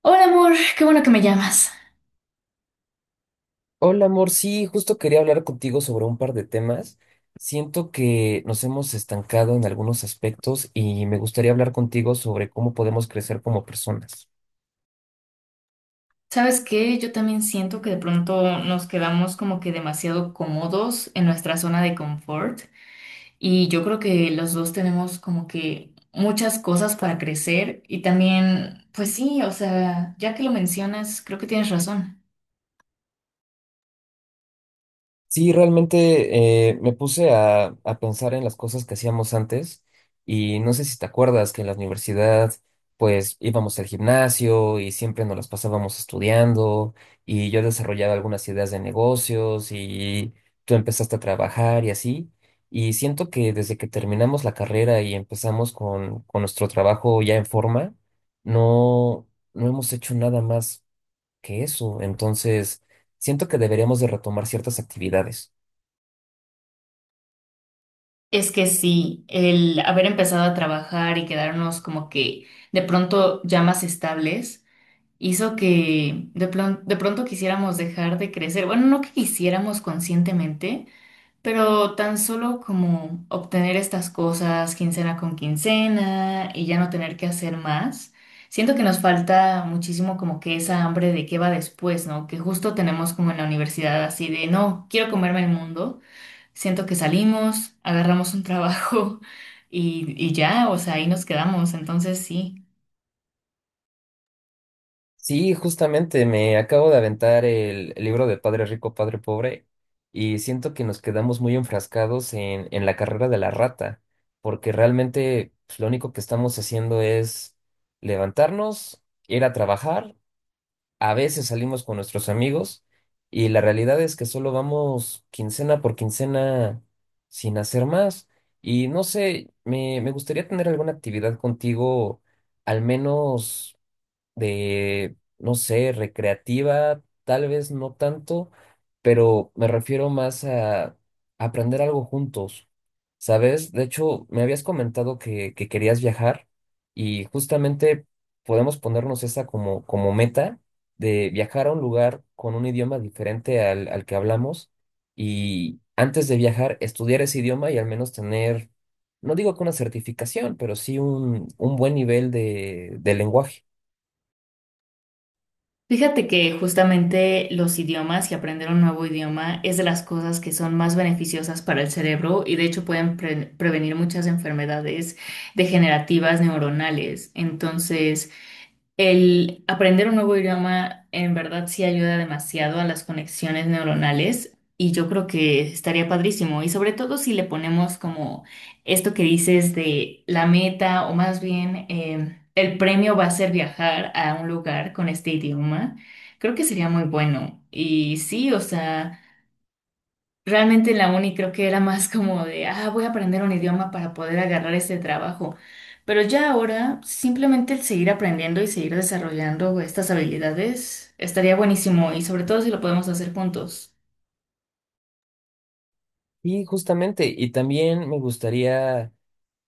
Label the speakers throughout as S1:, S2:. S1: Hola amor, qué bueno que me llamas.
S2: Hola, amor. Sí, justo quería hablar contigo sobre un par de temas. Siento que nos hemos estancado en algunos aspectos y me gustaría hablar contigo sobre cómo podemos crecer como personas.
S1: ¿Sabes qué? Yo también siento que de pronto nos quedamos como que demasiado cómodos en nuestra zona de confort y yo creo que los dos tenemos como que muchas cosas para crecer y también, pues sí, o sea, ya que lo mencionas, creo que tienes razón.
S2: Sí, realmente me puse a pensar en las cosas que hacíamos antes y no sé si te acuerdas que en la universidad pues íbamos al gimnasio y siempre nos las pasábamos estudiando y yo desarrollaba algunas ideas de negocios y tú empezaste a trabajar y así. Y siento que desde que terminamos la carrera y empezamos con nuestro trabajo ya en forma, no, no hemos hecho nada más que eso. Entonces, siento que deberíamos de retomar ciertas actividades.
S1: Es que sí, el haber empezado a trabajar y quedarnos como que de pronto ya más estables. Hizo que de pronto quisiéramos dejar de crecer. Bueno, no que quisiéramos conscientemente, pero tan solo como obtener estas cosas quincena con quincena y ya no tener que hacer más. Siento que nos falta muchísimo como que esa hambre de qué va después, ¿no? Que justo tenemos como en la universidad así de, no, quiero comerme el mundo. Siento que salimos, agarramos un trabajo y ya, o sea, ahí nos quedamos. Entonces sí.
S2: Sí, justamente me acabo de aventar el libro de Padre Rico, Padre Pobre y siento que nos quedamos muy enfrascados en la carrera de la rata, porque realmente pues, lo único que estamos haciendo es levantarnos, ir a trabajar. A veces salimos con nuestros amigos y la realidad es que solo vamos quincena por quincena sin hacer más. Y no sé, me gustaría tener alguna actividad contigo, al menos de, no sé, recreativa, tal vez no tanto, pero me refiero más a aprender algo juntos, ¿sabes? De hecho, me habías comentado que querías viajar y justamente podemos ponernos esa como, como meta de viajar a un lugar con un idioma diferente al que hablamos y antes de viajar estudiar ese idioma y al menos tener, no digo que una certificación, pero sí un buen nivel de lenguaje.
S1: Fíjate que justamente los idiomas y aprender un nuevo idioma es de las cosas que son más beneficiosas para el cerebro y de hecho pueden prevenir muchas enfermedades degenerativas neuronales. Entonces, el aprender un nuevo idioma en verdad sí ayuda demasiado a las conexiones neuronales y yo creo que estaría padrísimo. Y sobre todo si le ponemos como esto que dices de la meta o más bien el premio va a ser viajar a un lugar con este idioma, creo que sería muy bueno. Y sí, o sea... Realmente en la uni creo que era más como de, ah, voy a aprender un idioma para poder agarrar este trabajo. Pero ya ahora, simplemente el seguir aprendiendo y seguir desarrollando estas habilidades estaría buenísimo y sobre todo si lo podemos hacer juntos.
S2: Y justamente, y también me gustaría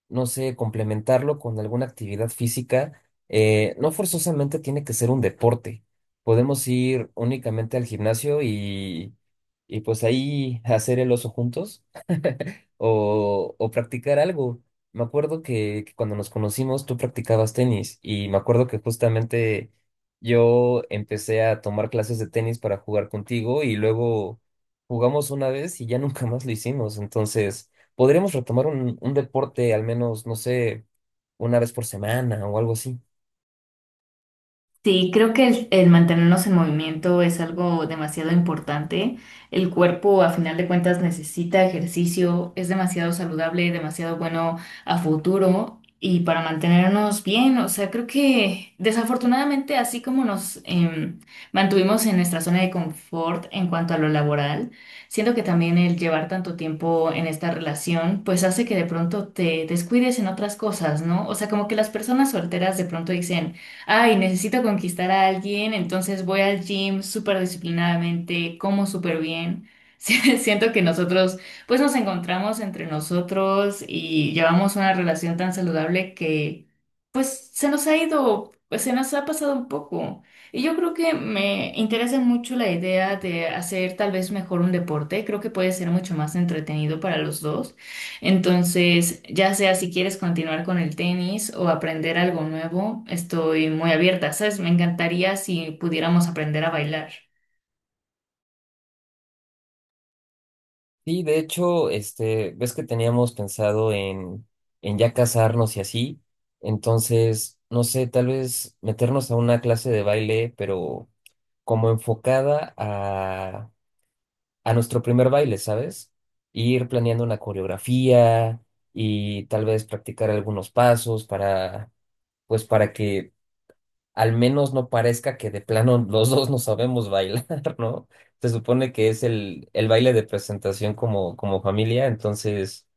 S2: no sé, complementarlo con alguna actividad física, no forzosamente tiene que ser un deporte. Podemos ir únicamente al gimnasio y pues ahí hacer el oso juntos o practicar algo. Me acuerdo que cuando nos conocimos tú practicabas tenis y me acuerdo que justamente yo empecé a tomar clases de tenis para jugar contigo y luego jugamos una vez y ya nunca más lo hicimos. Entonces, podríamos retomar un deporte al menos, no sé, una vez por semana o algo así.
S1: Sí, creo que el mantenernos en movimiento es algo demasiado importante. El cuerpo, a final de cuentas, necesita ejercicio, es demasiado saludable, demasiado bueno a futuro y para mantenernos bien. O sea, creo que desafortunadamente, así como mantuvimos en nuestra zona de confort en cuanto a lo laboral, siento que también el llevar tanto tiempo en esta relación, pues hace que de pronto te descuides en otras cosas, ¿no? O sea, como que las personas solteras de pronto dicen ay, necesito conquistar a alguien, entonces voy al gym súper disciplinadamente, como súper bien. Sí, siento que nosotros, pues nos encontramos entre nosotros y llevamos una relación tan saludable que, pues se nos ha ido, pues se nos ha pasado un poco. Y yo creo que me interesa mucho la idea de hacer tal vez mejor un deporte, creo que puede ser mucho más entretenido para los dos. Entonces, ya sea si quieres continuar con el tenis o aprender algo nuevo, estoy muy abierta, ¿sabes? Me encantaría si pudiéramos aprender a bailar.
S2: Sí, de hecho, este, ves que teníamos pensado en ya casarnos y así. Entonces, no sé, tal vez meternos a una clase de baile, pero como enfocada a nuestro primer baile, ¿sabes? Ir planeando una coreografía y tal vez practicar algunos pasos para, pues para que al menos no parezca que de plano los dos no sabemos bailar, ¿no? Se supone que es el baile de presentación como, como familia, entonces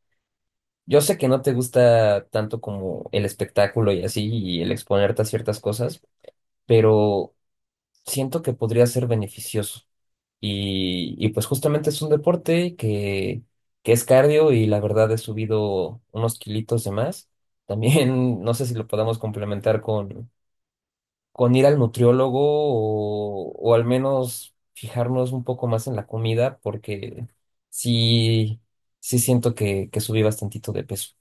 S2: yo sé que no te gusta tanto como el espectáculo y así, y el exponerte a ciertas cosas, pero siento que podría ser beneficioso. Y pues justamente es un deporte que es cardio y la verdad he subido unos kilitos de más. También no sé si lo podamos complementar con ir al nutriólogo o al menos fijarnos un poco más en la comida, porque sí, sí siento que subí bastantito de peso.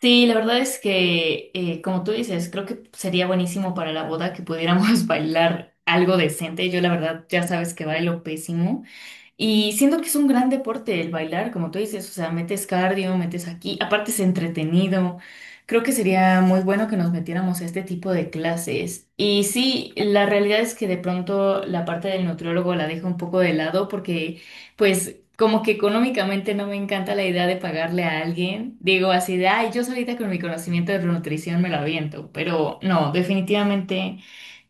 S1: Sí, la verdad es que, como tú dices, creo que sería buenísimo para la boda que pudiéramos bailar algo decente. Yo, la verdad, ya sabes que bailo pésimo. Y siento que es un gran deporte el bailar, como tú dices, o sea, metes cardio, metes aquí, aparte es entretenido. Creo que sería muy bueno que nos metiéramos a este tipo de clases. Y sí, la realidad es que de pronto la parte del nutriólogo la dejo un poco de lado porque, pues, como que económicamente no me encanta la idea de pagarle a alguien. Digo así de, ay, yo solita con mi conocimiento de nutrición me lo aviento, pero no, definitivamente.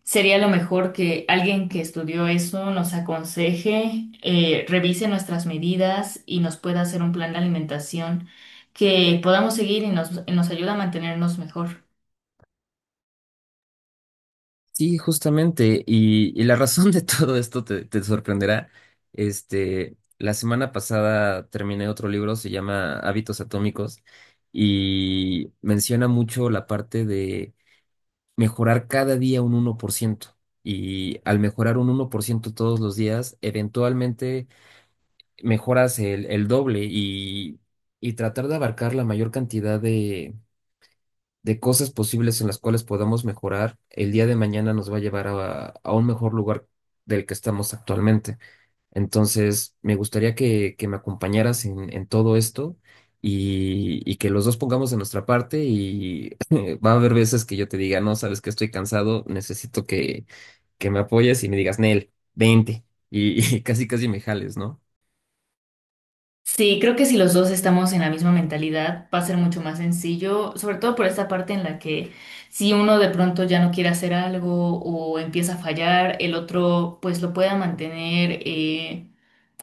S1: Sería lo mejor que alguien que estudió eso nos aconseje, revise nuestras medidas y nos pueda hacer un plan de alimentación que podamos seguir y nos ayude a mantenernos mejor.
S2: Sí, justamente. Y la razón de todo esto te sorprenderá. Este, la semana pasada terminé otro libro, se llama Hábitos Atómicos, y menciona mucho la parte de mejorar cada día un 1%. Y al mejorar un 1% todos los días, eventualmente mejoras el doble y tratar de abarcar la mayor cantidad de cosas posibles en las cuales podamos mejorar, el día de mañana nos va a llevar a un mejor lugar del que estamos actualmente. Entonces, me gustaría que me acompañaras en todo esto y que los dos pongamos de nuestra parte y va a haber veces que yo te diga, no, sabes que estoy cansado, necesito que me apoyes y me digas, Nel, vente. Y y casi casi me jales, ¿no?
S1: Sí, creo que si los dos estamos en la misma mentalidad, va a ser mucho más sencillo, sobre todo por esta parte en la que si uno de pronto ya no quiere hacer algo o empieza a fallar, el otro pues lo pueda mantener. eh,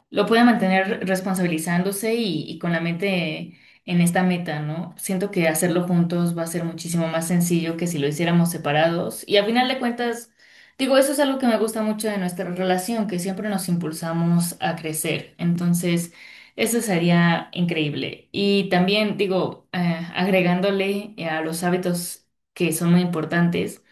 S1: lo pueda mantener responsabilizándose y con la mente en esta meta, ¿no? Siento que hacerlo juntos va a ser muchísimo más sencillo que si lo hiciéramos separados. Y al final de cuentas, digo, eso es algo que me gusta mucho de nuestra relación, que siempre nos impulsamos a crecer. Entonces, eso sería increíble. Y también, digo, agregándole a los hábitos que son muy importantes.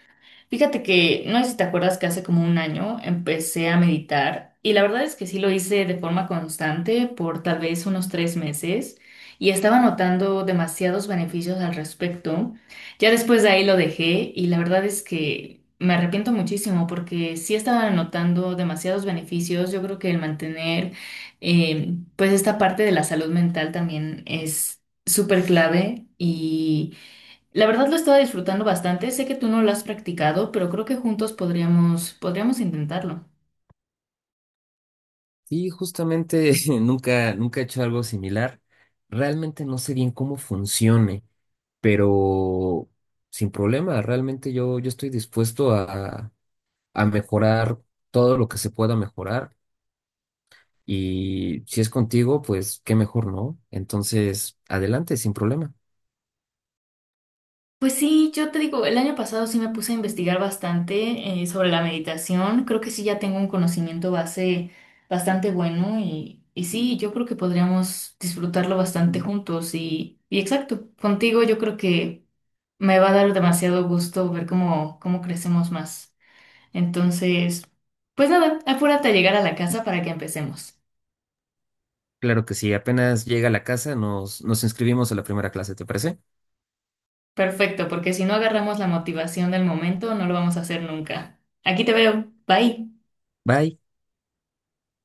S1: Fíjate que, no sé si te acuerdas que hace como un año empecé a meditar y la verdad es que sí lo hice de forma constante por tal vez unos 3 meses y estaba notando demasiados beneficios al respecto. Ya después de ahí lo dejé y la verdad es que me arrepiento muchísimo porque sí estaba notando demasiados beneficios. Yo creo que el mantener pues esta parte de la salud mental también es súper clave y... La verdad lo estaba disfrutando bastante. Sé que tú no lo has practicado, pero creo que juntos podríamos intentarlo.
S2: Sí, justamente nunca he hecho algo similar. Realmente no sé bien cómo funcione, pero sin problema, realmente yo estoy dispuesto a mejorar todo lo que se pueda mejorar. Y si es contigo, pues qué mejor, ¿no? Entonces, adelante, sin problema.
S1: Pues sí, yo te digo, el año pasado sí me puse a investigar bastante sobre la meditación. Creo que sí ya tengo un conocimiento base bastante bueno y sí, yo creo que podríamos disfrutarlo bastante juntos y exacto, contigo yo creo que me va a dar demasiado gusto ver cómo, cómo crecemos más. Entonces, pues nada, apúrate a llegar a la casa para que empecemos.
S2: Claro que sí, apenas llega a la casa, nos inscribimos a la primera clase, ¿te parece?
S1: Perfecto, porque si no agarramos la motivación del momento, no lo vamos a hacer nunca. Aquí te veo. Bye.
S2: Bye.